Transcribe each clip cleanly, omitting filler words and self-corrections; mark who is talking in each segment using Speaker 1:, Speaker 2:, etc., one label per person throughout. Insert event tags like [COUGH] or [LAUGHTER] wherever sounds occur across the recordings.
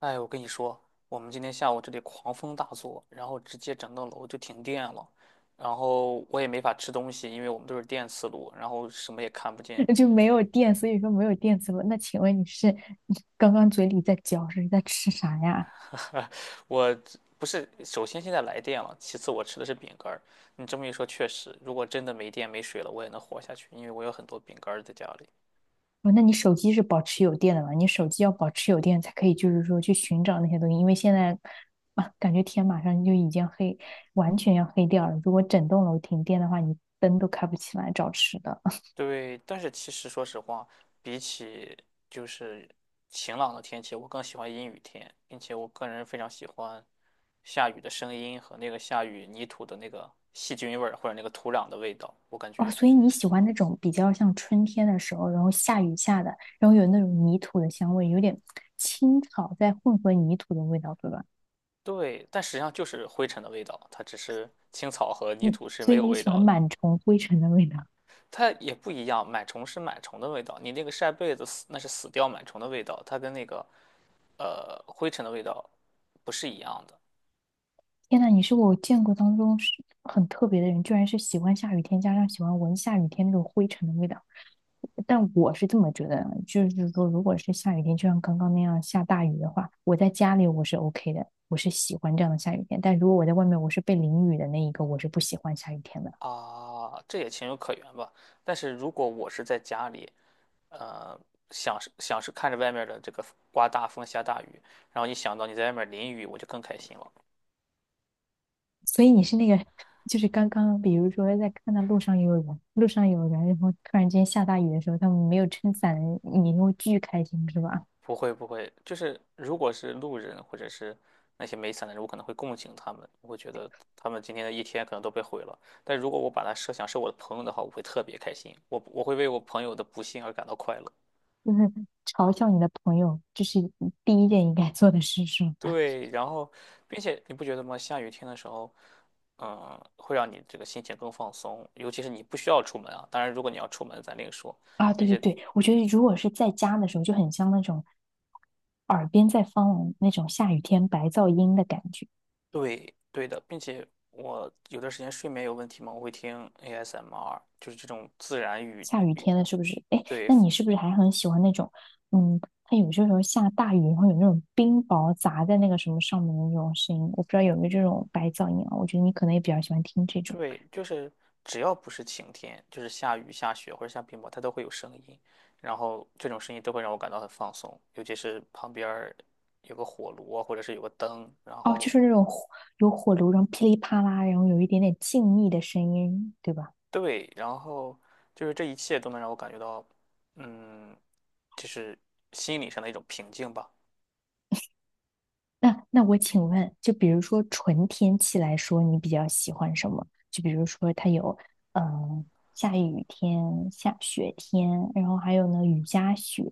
Speaker 1: 哎，我跟你说，我们今天下午这里狂风大作，然后直接整栋楼就停电了，然后我也没法吃东西，因为我们都是电磁炉，然后什么也看不见。
Speaker 2: [LAUGHS] 就没有电，所以说没有电磁炉。那请问你是刚刚嘴里在嚼是在吃啥呀？
Speaker 1: [LAUGHS] 我这不是，首先现在来电了，其次我吃的是饼干儿。你这么一说，确实，如果真的没电没水了，我也能活下去，因为我有很多饼干儿在家里。
Speaker 2: 哦，那你手机是保持有电的吗？你手机要保持有电才可以，就是说去寻找那些东西，因为现在感觉天马上就已经黑，完全要黑掉了。如果整栋楼停电的话，你灯都开不起来找吃的。[LAUGHS]
Speaker 1: 对，但是其实说实话，比起就是晴朗的天气，我更喜欢阴雨天，并且我个人非常喜欢下雨的声音和那个下雨泥土的那个细菌味儿或者那个土壤的味道，我感
Speaker 2: 哦，
Speaker 1: 觉
Speaker 2: 所以你喜欢那种比较像春天的时候，然后下雨下的，然后有那种泥土的香味，有点青草在混合泥土的味道，对吧？
Speaker 1: 对，但实际上就是灰尘的味道，它只是青草和泥土是
Speaker 2: 所
Speaker 1: 没
Speaker 2: 以
Speaker 1: 有
Speaker 2: 你
Speaker 1: 味
Speaker 2: 喜欢
Speaker 1: 道的，
Speaker 2: 螨虫、灰尘的味道。
Speaker 1: 它也不一样，螨虫是螨虫的味道，你那个晒被子死那是死掉螨虫的味道，它跟那个灰尘的味道不是一样的。
Speaker 2: 天呐，你是我见过当中是很特别的人，居然是喜欢下雨天，加上喜欢闻下雨天那种灰尘的味道。但我是这么觉得的就是说，如果是下雨天，就像刚刚那样下大雨的话，我在家里我是 OK 的，我是喜欢这样的下雨天。但如果我在外面，我是被淋雨的那一个，我是不喜欢下雨天的。
Speaker 1: 啊，这也情有可原吧。但是如果我是在家里，呃，想是看着外面的这个刮大风下大雨，然后一想到你在外面淋雨，我就更开心了。
Speaker 2: 所以你是那个，就是刚刚，比如说在看到路上有人，路上有人，然后突然间下大雨的时候，他们没有撑伞，你会巨开心，是吧？
Speaker 1: 不会不会，就是如果是路人或者是那些没伞的人，我可能会共情他们，我会觉得他们今天的一天可能都被毁了。但如果我把它设想是我的朋友的话，我会特别开心，我会为我朋友的不幸而感到快乐。
Speaker 2: 就是嘲笑你的朋友，这是第一件应该做的事，是吗？
Speaker 1: 对，然后，并且你不觉得吗？下雨天的时候，嗯，会让你这个心情更放松，尤其是你不需要出门啊。当然，如果你要出门，咱另说。
Speaker 2: 啊，
Speaker 1: 并
Speaker 2: 对对
Speaker 1: 且，
Speaker 2: 对，我觉得如果是在家的时候，就很像那种耳边在放那种下雨天白噪音的感觉。
Speaker 1: 对，对的，并且我有段时间睡眠有问题嘛，我会听 ASMR，就是这种自然语
Speaker 2: 下雨
Speaker 1: 语，
Speaker 2: 天了，是不是？哎，
Speaker 1: 对
Speaker 2: 那你是不是还很喜欢那种，嗯，它有些时候下大雨，然后有那种冰雹砸在那个什么上面的那种声音，我不知道有没有这种白噪音啊？我觉得你可能也比较喜欢听这种。
Speaker 1: 对，就是只要不是晴天，就是下雨、下雪或者下冰雹，它都会有声音，然后这种声音都会让我感到很放松，尤其是旁边儿有个火炉啊，或者是有个灯，然
Speaker 2: 哦，就
Speaker 1: 后。
Speaker 2: 是那种火有火炉，然后噼里啪啦，然后有一点点静谧的声音，对吧？
Speaker 1: 对，然后就是这一切都能让我感觉到，嗯，就是心理上的一种平静吧。
Speaker 2: 那我请问，就比如说纯天气来说，你比较喜欢什么？就比如说它有，嗯、下雨天、下雪天，然后还有呢雨夹雪，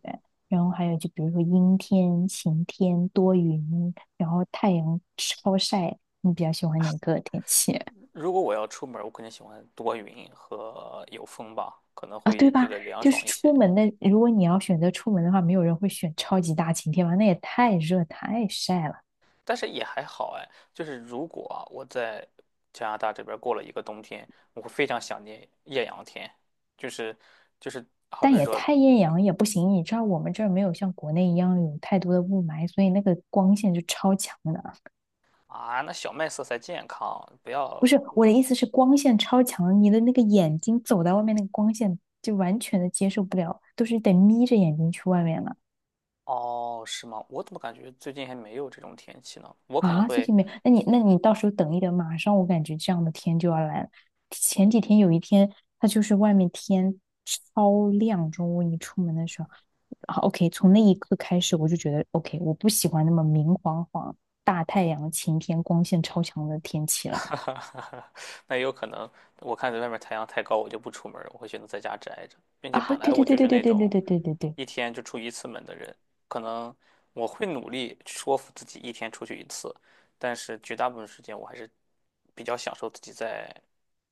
Speaker 2: 然后还有就比如说阴天、晴天、多云，然后太阳超晒，你比较喜欢哪个天气？ [LAUGHS]
Speaker 1: 如果我要出门儿我肯定喜欢多云和有风吧，可能
Speaker 2: 啊？
Speaker 1: 会
Speaker 2: 对
Speaker 1: 觉
Speaker 2: 吧？
Speaker 1: 得凉
Speaker 2: 就
Speaker 1: 爽
Speaker 2: 是
Speaker 1: 一
Speaker 2: 出
Speaker 1: 些。
Speaker 2: 门的，如果你要选择出门的话，没有人会选超级大晴天吧？那也太热太晒了。
Speaker 1: 但是也还好哎，就是如果啊我在加拿大这边儿过了一个冬天，我会非常想念艳阳天，就是就是好
Speaker 2: 但
Speaker 1: 比
Speaker 2: 也
Speaker 1: 说
Speaker 2: 太艳阳也不行，你知道我们这儿没有像国内一样有太多的雾霾，所以那个光线就超强的。
Speaker 1: 啊，那小麦色才健康，不
Speaker 2: 不
Speaker 1: 要
Speaker 2: 是，我的意思是光线超强，你的那个眼睛走到外面，那个光线就完全的接受不了，都是得眯着眼睛去外面了。
Speaker 1: 哦，是吗？我怎么感觉最近还没有这种天气呢？我可能
Speaker 2: 啊，最
Speaker 1: 会。
Speaker 2: 近没有，那你那你到时候等一等，马上我感觉这样的天就要来了。前几天有一天，它就是外面天超亮，中午你出门的时候，好 o k， 从那一刻开始我就觉得 OK，我不喜欢那么明晃晃、大太阳、晴天、光线超强的天气
Speaker 1: [LAUGHS]
Speaker 2: 了。
Speaker 1: 哈哈哈哈，那也有可能，我看在外面太阳太高，我就不出门儿我会选择在家宅着，并且
Speaker 2: 啊，
Speaker 1: 本来
Speaker 2: 对
Speaker 1: 我
Speaker 2: 对对
Speaker 1: 就是
Speaker 2: 对对
Speaker 1: 那
Speaker 2: 对对
Speaker 1: 种
Speaker 2: 对对对对，
Speaker 1: 一天就出一次门的人，可能我会努力说服自己一天出去一次，但是绝大部分时间我还是比较享受自己在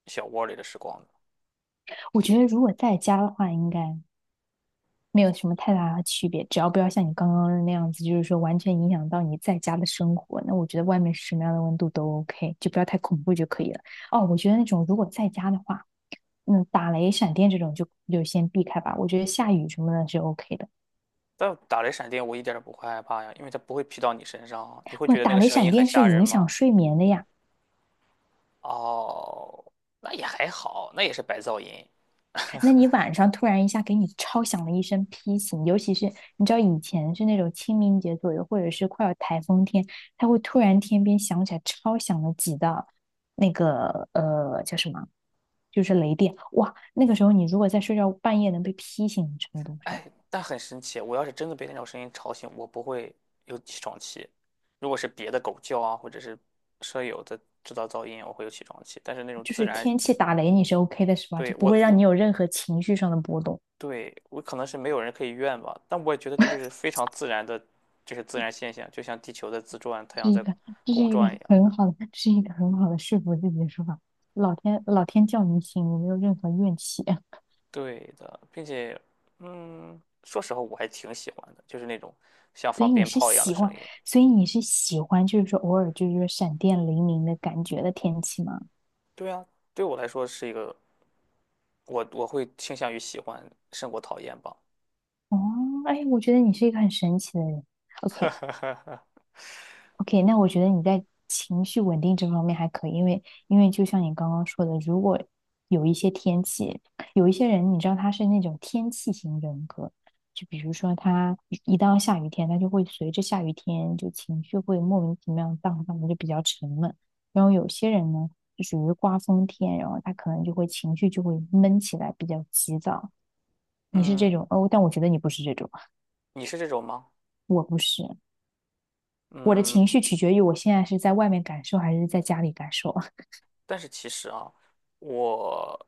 Speaker 1: 小窝里的时光的。
Speaker 2: 我觉得如果在家的话，应该没有什么太大的区别，只要不要像你刚刚那样子，就是说完全影响到你在家的生活，那我觉得外面是什么样的温度都 OK，就不要太恐怖就可以了。哦，我觉得那种如果在家的话，嗯，打雷闪电这种就先避开吧。我觉得下雨什么的是 OK 的。
Speaker 1: 但打雷闪电我一点儿也不会害怕呀，因为它不会劈到你身上啊，你会
Speaker 2: 哇，
Speaker 1: 觉得那
Speaker 2: 打
Speaker 1: 个
Speaker 2: 雷
Speaker 1: 声
Speaker 2: 闪
Speaker 1: 音很
Speaker 2: 电是
Speaker 1: 吓人
Speaker 2: 影响
Speaker 1: 吗？
Speaker 2: 睡眠的呀。
Speaker 1: 哦，那也还好，那也是白噪音。
Speaker 2: 那你晚上突然一下给你超响了一声批醒，尤其是你知道以前是那种清明节左右，或者是快要台风天，它会突然天边响起来超响了几道那个叫什么，就是雷电，哇，那个时候你如果在睡觉半夜能被劈醒的程度是，
Speaker 1: 哎，但很神奇，我要是真的被那种声音吵醒，我不会有起床气。如果是别的狗叫啊，或者是舍友的制造噪音，我会有起床气。但是那种
Speaker 2: 就
Speaker 1: 自
Speaker 2: 是
Speaker 1: 然，
Speaker 2: 天气打雷你是 OK 的是吧？
Speaker 1: 对，
Speaker 2: 就不会
Speaker 1: 我
Speaker 2: 让你
Speaker 1: 我
Speaker 2: 有任何情绪上的波动，
Speaker 1: 对我可能是没有人可以怨吧，但我也觉得这就是非常自然的，就是自然现象，就像地球在自转，太
Speaker 2: 这是
Speaker 1: 阳
Speaker 2: 一
Speaker 1: 在
Speaker 2: 个这是
Speaker 1: 公
Speaker 2: 一个
Speaker 1: 转一样。
Speaker 2: 很好的，这是一个很好的说服自己的说法。老天老天叫你醒，我没有任何怨气。[LAUGHS]
Speaker 1: 对的，并且，嗯，说实话，我还挺喜欢的，就是那种像
Speaker 2: 所
Speaker 1: 放
Speaker 2: 以你
Speaker 1: 鞭
Speaker 2: 是
Speaker 1: 炮一样的
Speaker 2: 喜
Speaker 1: 声
Speaker 2: 欢，
Speaker 1: 音。
Speaker 2: 所以你是喜欢，就是说偶尔就是说闪电雷鸣的感觉的天气吗？
Speaker 1: 对啊，对我来说是一个我会倾向于喜欢胜过讨厌吧。
Speaker 2: 哦，哎，我觉得你是一个很神奇的人。OK。
Speaker 1: [LAUGHS]
Speaker 2: OK，那我觉得你在情绪稳定这方面还可以，因为就像你刚刚说的，如果有一些天气，有一些人，你知道他是那种天气型人格，就比如说他一到下雨天，他就会随着下雨天就情绪会莫名其妙荡荡的，就比较沉闷。然后有些人呢，就属于刮风天，然后他可能就会情绪就会闷起来，比较急躁。你是这
Speaker 1: 嗯，
Speaker 2: 种哦，但我觉得你不是这种，
Speaker 1: 你是这种吗？
Speaker 2: 我不是。我的
Speaker 1: 嗯，
Speaker 2: 情绪取决于我现在是在外面感受还是在家里感受。
Speaker 1: 但是其实啊，我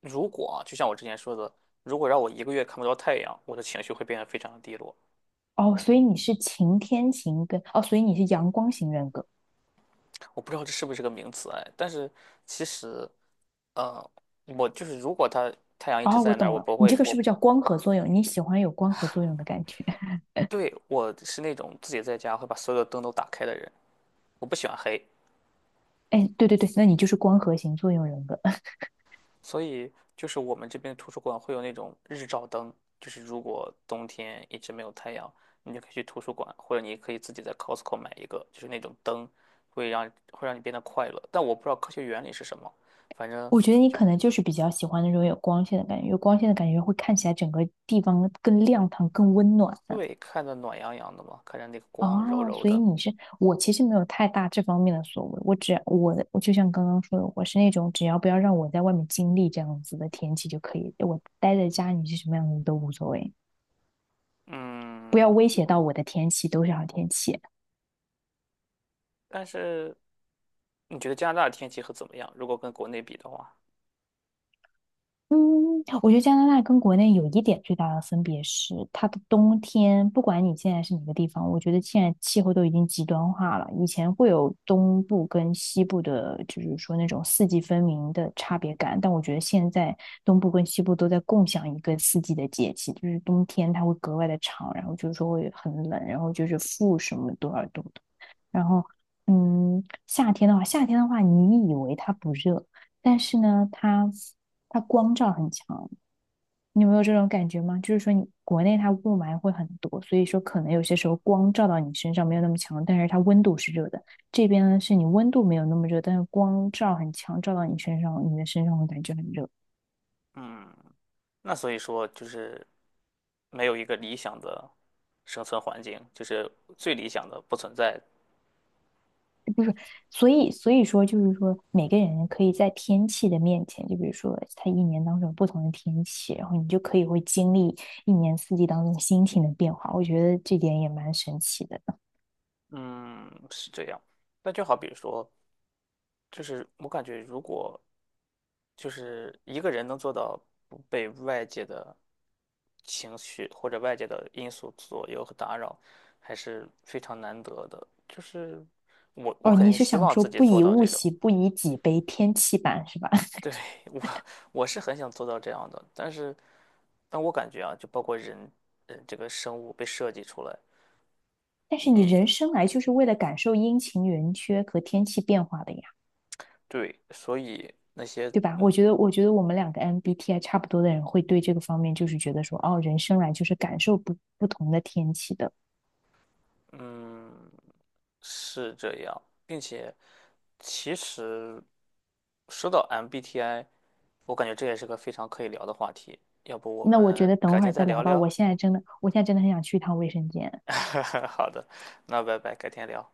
Speaker 1: 如果啊，就像我之前说的，如果让我一个月看不到太阳，我的情绪会变得非常的低落。
Speaker 2: 哦，所以你是晴天型跟哦，所以你是阳光型人格。
Speaker 1: 我不知道这是不是个名词哎，但是其实，呃，我就是如果它太阳一直
Speaker 2: 哦，我
Speaker 1: 在那儿，
Speaker 2: 懂
Speaker 1: 我
Speaker 2: 了，
Speaker 1: 不
Speaker 2: 你这
Speaker 1: 会，
Speaker 2: 个
Speaker 1: 我
Speaker 2: 是不是叫光合作用？你喜欢有光合作用的感觉？[LAUGHS]
Speaker 1: 对我是那种自己在家会把所有的灯都打开的人，我不喜欢黑，
Speaker 2: 哎，对对对，那你就是光合型作用人格。[LAUGHS]
Speaker 1: 所以就是我们这边图书馆会有那种日照灯，就是如果冬天一直没有太阳，你就可以去图书馆，或者你可以自己在 Costco 买一个，就是那种灯，会让你变得快乐。但我不知道科学原理是什么，反正
Speaker 2: 我觉得你
Speaker 1: 就
Speaker 2: 可能就是比较喜欢那种有光线的感觉，有光线的感觉会看起来整个地方更亮堂、更温暖。
Speaker 1: 对，看着暖洋洋的嘛，看着那个光柔
Speaker 2: 哦，
Speaker 1: 柔
Speaker 2: 所以
Speaker 1: 的，
Speaker 2: 你是我其实没有太大这方面的所谓，我只我的我就像刚刚说的，我是那种只要不要让我在外面经历这样子的天气就可以，我待在家里是什么样子都无所谓。不要
Speaker 1: 嗯。
Speaker 2: 威胁到我的天气，都是好天气。
Speaker 1: 但是你觉得加拿大的天气会怎么样？如果跟国内比的话，
Speaker 2: 嗯，我觉得加拿大跟国内有一点最大的分别是，它的冬天，不管你现在是哪个地方，我觉得现在气候都已经极端化了。以前会有东部跟西部的，就是说那种四季分明的差别感，但我觉得现在东部跟西部都在共享一个四季的节气，就是冬天它会格外的长，然后就是说会很冷，然后就是负什么多少度的，然后嗯，夏天的话，你以为它不热，但是呢，它。它光照很强，你有没有这种感觉吗？就是说，你国内它雾霾会很多，所以说可能有些时候光照到你身上没有那么强，但是它温度是热的。这边呢，是你温度没有那么热，但是光照很强，照到你身上，你的身上会感觉很热。
Speaker 1: 嗯。那所以说就是没有一个理想的生存环境，就是最理想的不存在。
Speaker 2: 所以说就是说，每个人可以在天气的面前，就比如说它一年当中有不同的天气，然后你就可以会经历一年四季当中心情的变化。我觉得这点也蛮神奇的。
Speaker 1: 嗯，是这样。那就好比说，就是我感觉如果就是一个人能做到不被外界的情绪或者外界的因素左右和打扰，还是非常难得的。就是我
Speaker 2: 哦，
Speaker 1: 肯
Speaker 2: 你
Speaker 1: 定是
Speaker 2: 是
Speaker 1: 希
Speaker 2: 想
Speaker 1: 望
Speaker 2: 说
Speaker 1: 自己
Speaker 2: 不
Speaker 1: 做
Speaker 2: 以
Speaker 1: 到
Speaker 2: 物
Speaker 1: 这种。
Speaker 2: 喜，不以己悲，天气版是吧？
Speaker 1: 对，
Speaker 2: [LAUGHS]
Speaker 1: 我我是很想做到这样的，但是但我感觉啊，就包括人，这个生物被设计出来，
Speaker 2: 但是你
Speaker 1: 你
Speaker 2: 人生来就是为了感受阴晴圆缺和天气变化的呀，
Speaker 1: 对，所以那些
Speaker 2: 对吧？
Speaker 1: 嗯
Speaker 2: 我觉得我们两个 MBTI 差不多的人会对这个方面就是觉得说，哦，人生来就是感受不同的天气的。
Speaker 1: 嗯是这样，并且其实说到 MBTI，我感觉这也是个非常可以聊的话题，要不我
Speaker 2: 那我觉
Speaker 1: 们
Speaker 2: 得等
Speaker 1: 改
Speaker 2: 会
Speaker 1: 天
Speaker 2: 儿
Speaker 1: 再
Speaker 2: 再
Speaker 1: 聊
Speaker 2: 聊吧，
Speaker 1: 聊？
Speaker 2: 我现在真的很想去一趟卫生间。
Speaker 1: [LAUGHS] 好的，那拜拜，改天聊。